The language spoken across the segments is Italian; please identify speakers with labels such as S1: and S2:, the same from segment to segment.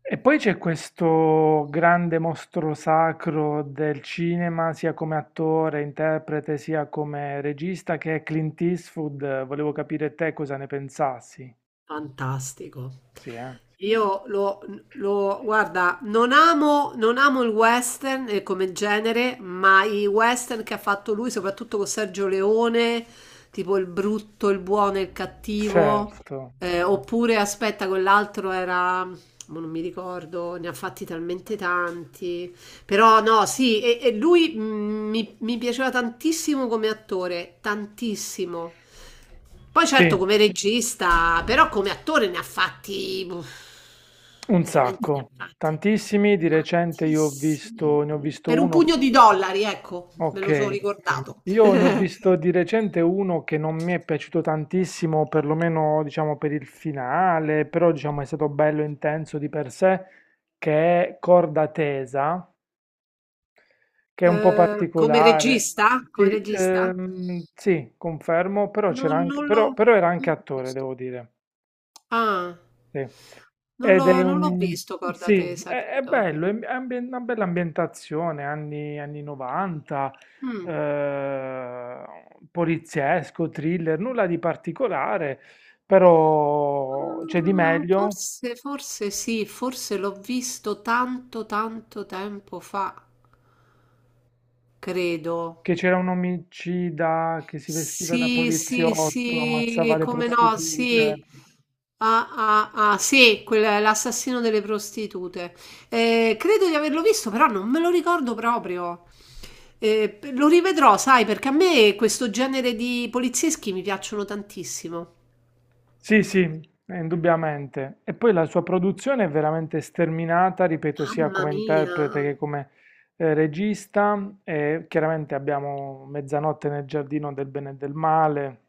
S1: E poi c'è questo grande mostro sacro del cinema, sia come attore, interprete, sia come regista, che è Clint Eastwood. Volevo capire te cosa ne pensassi.
S2: Fantastico.
S1: Sì, eh?
S2: Io lo, guarda, non amo il western come genere, ma i western che ha fatto lui, soprattutto con Sergio Leone, tipo Il brutto, il buono e il cattivo,
S1: Certo.
S2: oppure aspetta, quell'altro era, mo non mi ricordo, ne ha fatti talmente tanti. Però no, sì, e lui, mi piaceva tantissimo come attore, tantissimo. Poi
S1: Sì,
S2: certo come regista, però come attore ne ha fatti, uff,
S1: un
S2: veramente ne ha
S1: sacco.
S2: fatti
S1: Tantissimi. Di recente io ho visto, ne ho
S2: tantissimi.
S1: visto
S2: Per un
S1: uno
S2: pugno di dollari, ecco, me lo sono
S1: Ok,
S2: ricordato.
S1: io ne ho visto di recente uno che non mi è piaciuto tantissimo, perlomeno diciamo per il finale, però diciamo è stato bello intenso di per sé, che è Corda Tesa, che è un po'
S2: Come
S1: particolare.
S2: regista? Come
S1: Sì,
S2: regista?
S1: sì, confermo, però
S2: Non,
S1: c'era anche,
S2: non l'ho
S1: però era anche
S2: non l'ho
S1: attore,
S2: visto.
S1: devo dire.
S2: Ah,
S1: Sì.
S2: non
S1: Ed è
S2: l'ho non l'ho
S1: un...
S2: visto, corda
S1: Sì,
S2: tesa,
S1: è
S2: credo.
S1: bello, è una bella ambientazione, anni 90,
S2: Mm.
S1: eh, poliziesco, thriller, nulla di particolare, però c'è di
S2: Ah,
S1: meglio
S2: forse sì, forse l'ho visto tanto, tanto tempo fa, credo.
S1: che c'era un omicida che si vestiva da
S2: Sì, sì,
S1: poliziotto, ammazzava
S2: sì,
S1: le
S2: come no,
S1: prostitute.
S2: sì. Ah, ah, ah, sì, l'assassino delle prostitute. Credo di averlo visto, però non me lo ricordo proprio. Lo rivedrò, sai, perché a me questo genere di polizieschi mi piacciono tantissimo.
S1: Sì, sì, indubbiamente. E poi la sua produzione è veramente sterminata, ripeto, sia
S2: Mamma
S1: come
S2: mia.
S1: interprete che come regista. E chiaramente abbiamo Mezzanotte nel giardino del bene e del male.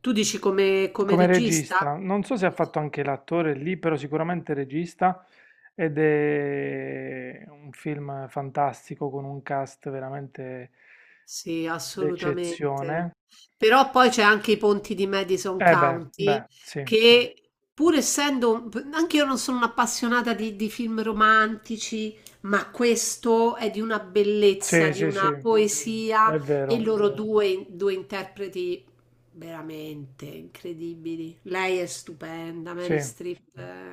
S2: Tu dici, come
S1: Come
S2: regista?
S1: regista, non so se ha fatto anche l'attore lì, però sicuramente regista. Ed è un film fantastico con un cast veramente
S2: Sì,
S1: d'eccezione.
S2: assolutamente. Però poi c'è anche I ponti di Madison
S1: Eh beh,
S2: County
S1: beh, sì, sì.
S2: che, pur essendo, anche io non sono un'appassionata di, film romantici, ma questo è di una bellezza,
S1: Sì,
S2: di
S1: sì, sì,
S2: una
S1: è
S2: poesia, e
S1: vero.
S2: loro due interpreti veramente incredibili. Lei è stupenda,
S1: Sì.
S2: Mary Streep è,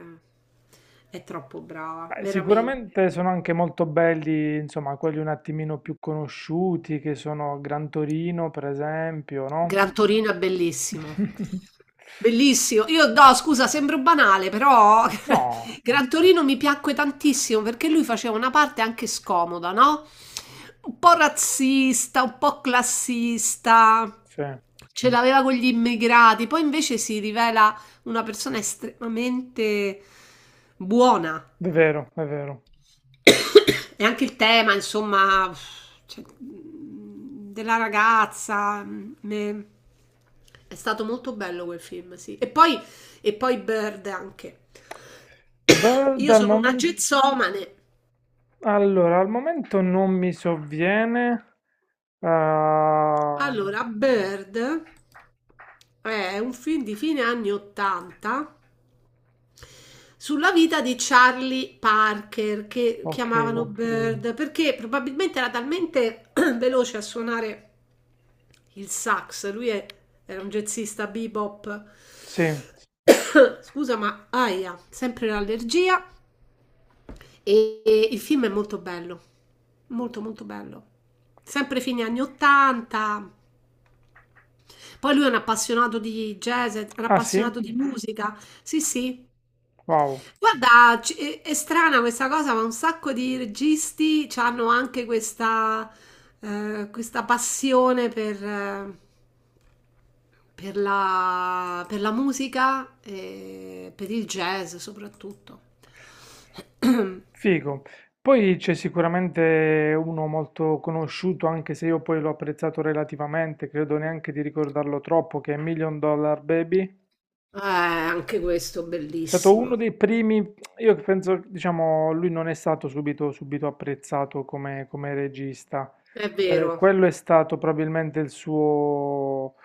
S2: è troppo brava,
S1: Beh,
S2: veramente.
S1: sicuramente sono anche molto belli, insomma, quelli un attimino più conosciuti, che sono Gran Torino, per esempio, no?
S2: Gran Torino è bellissimo. Bellissimo. Io, no, scusa, sembro banale, però
S1: No,
S2: Gran Torino mi piacque tantissimo perché lui faceva una parte anche scomoda, no? Un po' razzista, un po' classista.
S1: sì, è
S2: Ce l'aveva con gli immigrati, poi invece si rivela una persona estremamente buona,
S1: vero, è vero.
S2: e anche il tema, insomma, cioè, della ragazza, è stato molto bello quel film, sì. e poi Bird anche.
S1: Beh,
S2: Io
S1: dal
S2: sono una
S1: momento...
S2: gezzomane.
S1: Allora, al momento non mi sovviene. Ah,
S2: Allora, Bird è un film di fine anni 80 sulla vita di Charlie Parker, che
S1: ok,
S2: chiamavano, ok, Bird, perché probabilmente era talmente veloce a suonare il sax, era un jazzista bebop.
S1: sì.
S2: Scusa, ma aia, sempre l'allergia. E il film è molto bello, molto molto bello. Sempre fine anni 80. Poi lui è un appassionato di jazz, è un
S1: Ah sì?
S2: appassionato di musica. Sì, sì.
S1: Wow.
S2: Guarda, è strana questa cosa, ma un sacco di registi hanno anche questa, passione per, per la musica e per il jazz soprattutto.
S1: Figo. Poi c'è sicuramente uno molto conosciuto, anche se io poi l'ho apprezzato relativamente, credo neanche di ricordarlo troppo, che è Million Dollar Baby.
S2: Anche questo
S1: È stato uno
S2: bellissimo,
S1: dei primi, io penso, diciamo, lui non è stato subito, apprezzato come regista.
S2: è vero.
S1: Quello è stato probabilmente il suo,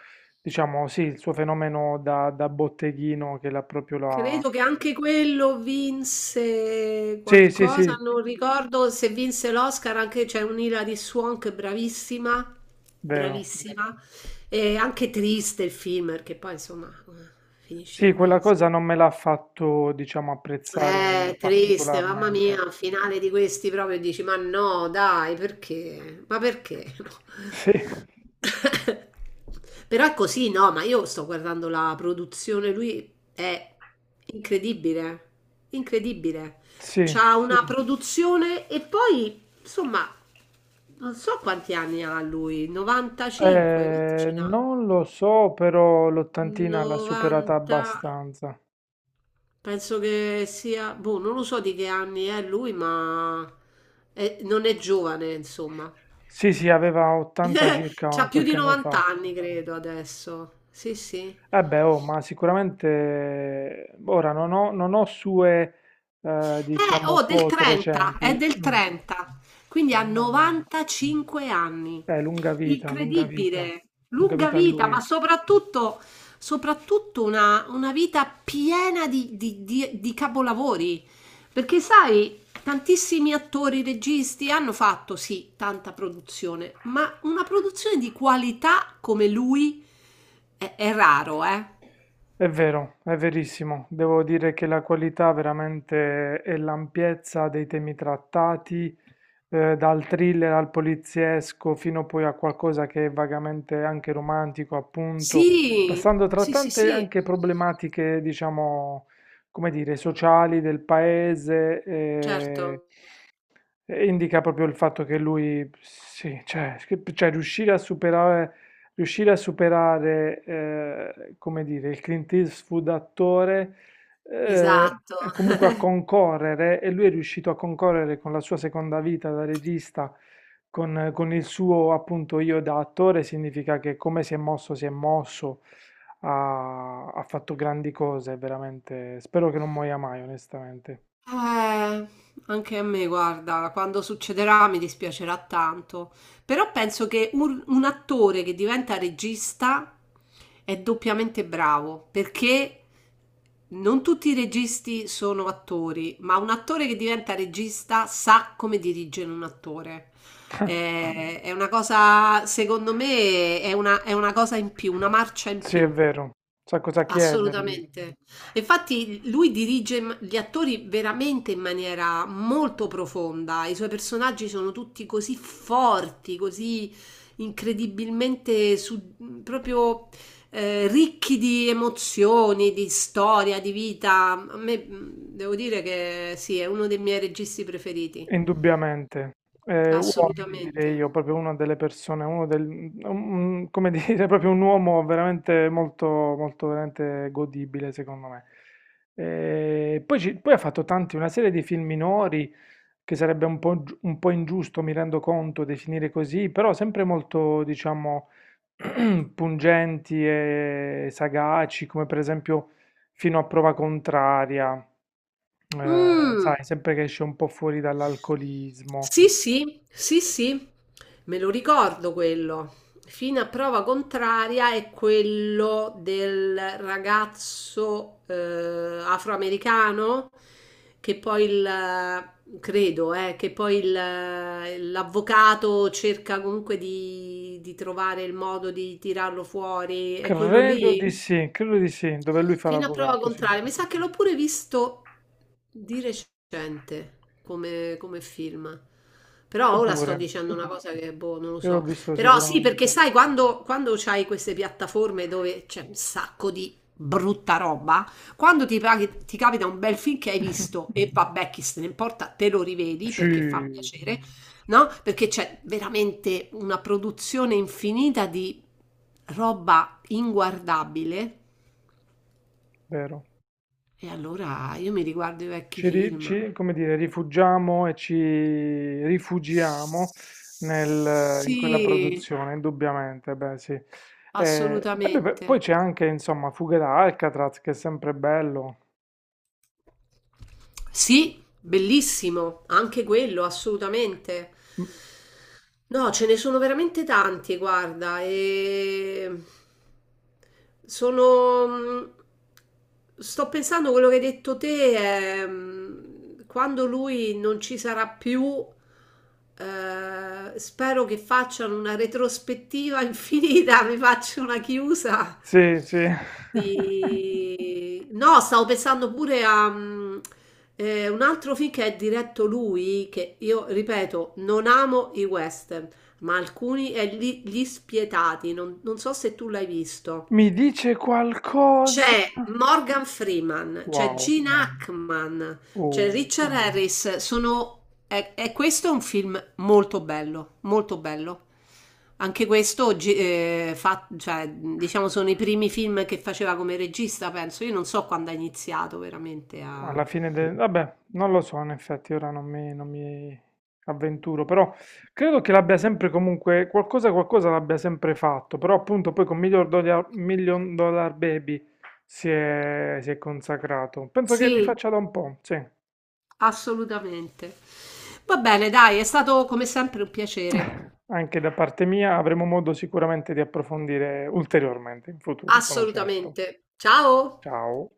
S1: diciamo, sì, il suo fenomeno da botteghino che l'ha proprio la...
S2: Credo che anche quello vinse
S1: Sì, sì,
S2: qualcosa,
S1: sì,
S2: non ricordo se vinse l'Oscar, anche c'è un'Hilary Swank che è bravissima,
S1: vero.
S2: bravissima, e anche triste il film, perché poi, insomma, finisce
S1: Sì,
S2: pure,
S1: quella cosa non me l'ha fatto, diciamo, apprezzare
S2: triste, mamma
S1: particolarmente.
S2: mia, finale di questi proprio dici, ma no, dai, perché? Ma perché? No.
S1: Sì,
S2: Però è così, no, ma io sto guardando la produzione, lui è incredibile, incredibile.
S1: sì.
S2: C'ha una produzione e poi, insomma, non so quanti anni ha lui, 95, quanti ce n'ha?
S1: Non lo so, però l'ottantina l'ha superata
S2: 90.
S1: abbastanza.
S2: Penso che sia, boh, non lo so di che anni è lui, ma non è giovane, insomma.
S1: Sì, sì, aveva 80 circa
S2: C'ha più
S1: qualche
S2: di
S1: anno fa.
S2: 90 anni, credo, adesso. Sì, sì.
S1: Eh beh, oh, ma sicuramente ora non ho sue, diciamo,
S2: Oh, del
S1: foto
S2: 30, è
S1: recenti.
S2: del
S1: Mm,
S2: 30, quindi ha
S1: mamma mia.
S2: 95 anni.
S1: Lunga vita, lunga vita,
S2: Incredibile,
S1: lunga
S2: lunga
S1: vita a
S2: vita, ma
S1: lui.
S2: soprattutto una vita piena di capolavori. Perché sai, tantissimi attori, registi hanno fatto sì tanta produzione, ma una produzione di qualità come lui è raro, eh?
S1: È vero, è verissimo. Devo dire che la qualità veramente e l'ampiezza dei temi trattati, dal thriller al poliziesco fino poi a qualcosa che è vagamente anche romantico, appunto,
S2: Sì,
S1: passando tra
S2: sì, sì,
S1: tante
S2: sì,
S1: anche problematiche, diciamo, come dire, sociali del paese,
S2: certo,
S1: e indica proprio il fatto che lui, sì, cioè, cioè riuscire a superare, come dire, il Clint Eastwood attore,
S2: esatto.
S1: e comunque a concorrere, e lui è riuscito a concorrere con la sua seconda vita da regista, con il suo appunto io da attore, significa che come si è mosso, ha fatto grandi cose, veramente. Spero che non muoia mai, onestamente.
S2: Eh, anche a me, guarda, quando succederà mi dispiacerà tanto, però penso che un attore che diventa regista è doppiamente bravo, perché non tutti i registi sono attori, ma un attore che diventa regista sa come dirigere un attore. È una cosa, secondo me, è una cosa in più, una marcia in
S1: Sì, è
S2: più.
S1: vero, sa cosa chiedergli.
S2: Assolutamente. Infatti lui dirige gli attori veramente in maniera molto profonda. I suoi personaggi sono tutti così forti, così incredibilmente proprio, ricchi di emozioni, di storia, di vita. A me, devo dire che sì, è uno dei miei registi preferiti.
S1: Indubbiamente, uomini direi
S2: Assolutamente.
S1: io, proprio una delle persone, uno del mhmm, un come dire, proprio un uomo veramente molto molto veramente godibile secondo me. Poi ha fatto tanti una serie di film minori, che sarebbe un po' giu un po' ingiusto, mi rendo conto, definire così, però sempre molto diciamo pungenti e sagaci, come per esempio Fino a prova contraria,
S2: Mm.
S1: sai, sempre che esce un po' fuori dall'alcolismo.
S2: Sì, sì, sì, sì, me lo ricordo quello. Fino a prova contraria è quello del ragazzo, afroamericano, che poi il, credo, l'avvocato cerca comunque di, trovare il modo di tirarlo fuori. È quello, ok, lì?
S1: Credo di sì, dove lui fa
S2: Fino a prova
S1: l'avvocato, sì.
S2: contraria, mi sa che l'ho pure visto di recente come, film. Però
S1: Io
S2: ora sto
S1: pure,
S2: dicendo una cosa che, boh, non lo
S1: io l'ho
S2: so.
S1: visto
S2: Però sì, perché
S1: sicuramente.
S2: sai, quando c'hai queste piattaforme dove c'è un sacco di brutta roba, quando ti capita un bel film che hai visto e, vabbè, chi se ne importa, te lo rivedi perché fa
S1: Sì,
S2: piacere, no? Perché c'è veramente una produzione infinita di roba inguardabile,
S1: vero.
S2: e allora io mi riguardo i vecchi film.
S1: Come dire, rifugiamo e ci rifugiamo in quella
S2: Sì,
S1: produzione, indubbiamente, beh sì. E beh, beh, poi
S2: assolutamente.
S1: c'è anche, insomma, Fuga da Alcatraz, che è sempre bello.
S2: Sì, bellissimo, anche quello, assolutamente.
S1: Mm.
S2: No, ce ne sono veramente tanti, guarda, sono... mh, sto pensando quello che hai detto te, quando lui non ci sarà più, spero che facciano una retrospettiva infinita, mi faccio una chiusa
S1: Sì, sì.
S2: no, stavo pensando pure a un altro film che è diretto lui, che io ripeto, non amo i western, ma alcuni, è Gli Spietati, non so se tu l'hai visto.
S1: Mi dice qualcosa?
S2: C'è Morgan Freeman, c'è
S1: Wow,
S2: Gene, Hackman, c'è
S1: oh,
S2: Richard, Harris. Sono... E questo è un film molto bello, molto bello. Anche questo, oggi, cioè, diciamo, sono i primi film che faceva come regista, penso. Io non so quando ha iniziato veramente a...
S1: alla fine del... Vabbè, non lo so, in effetti, ora non mi avventuro, però credo che l'abbia sempre comunque, qualcosa, qualcosa l'abbia sempre fatto, però appunto poi con Million Dollar Baby si è consacrato. Penso che li
S2: Sì,
S1: faccia da un po', sì.
S2: assolutamente. Va bene, dai, è stato come sempre un piacere.
S1: Anche da parte mia avremo modo sicuramente di approfondire ulteriormente in futuro, sono certo.
S2: Assolutamente. Ciao!
S1: Ciao.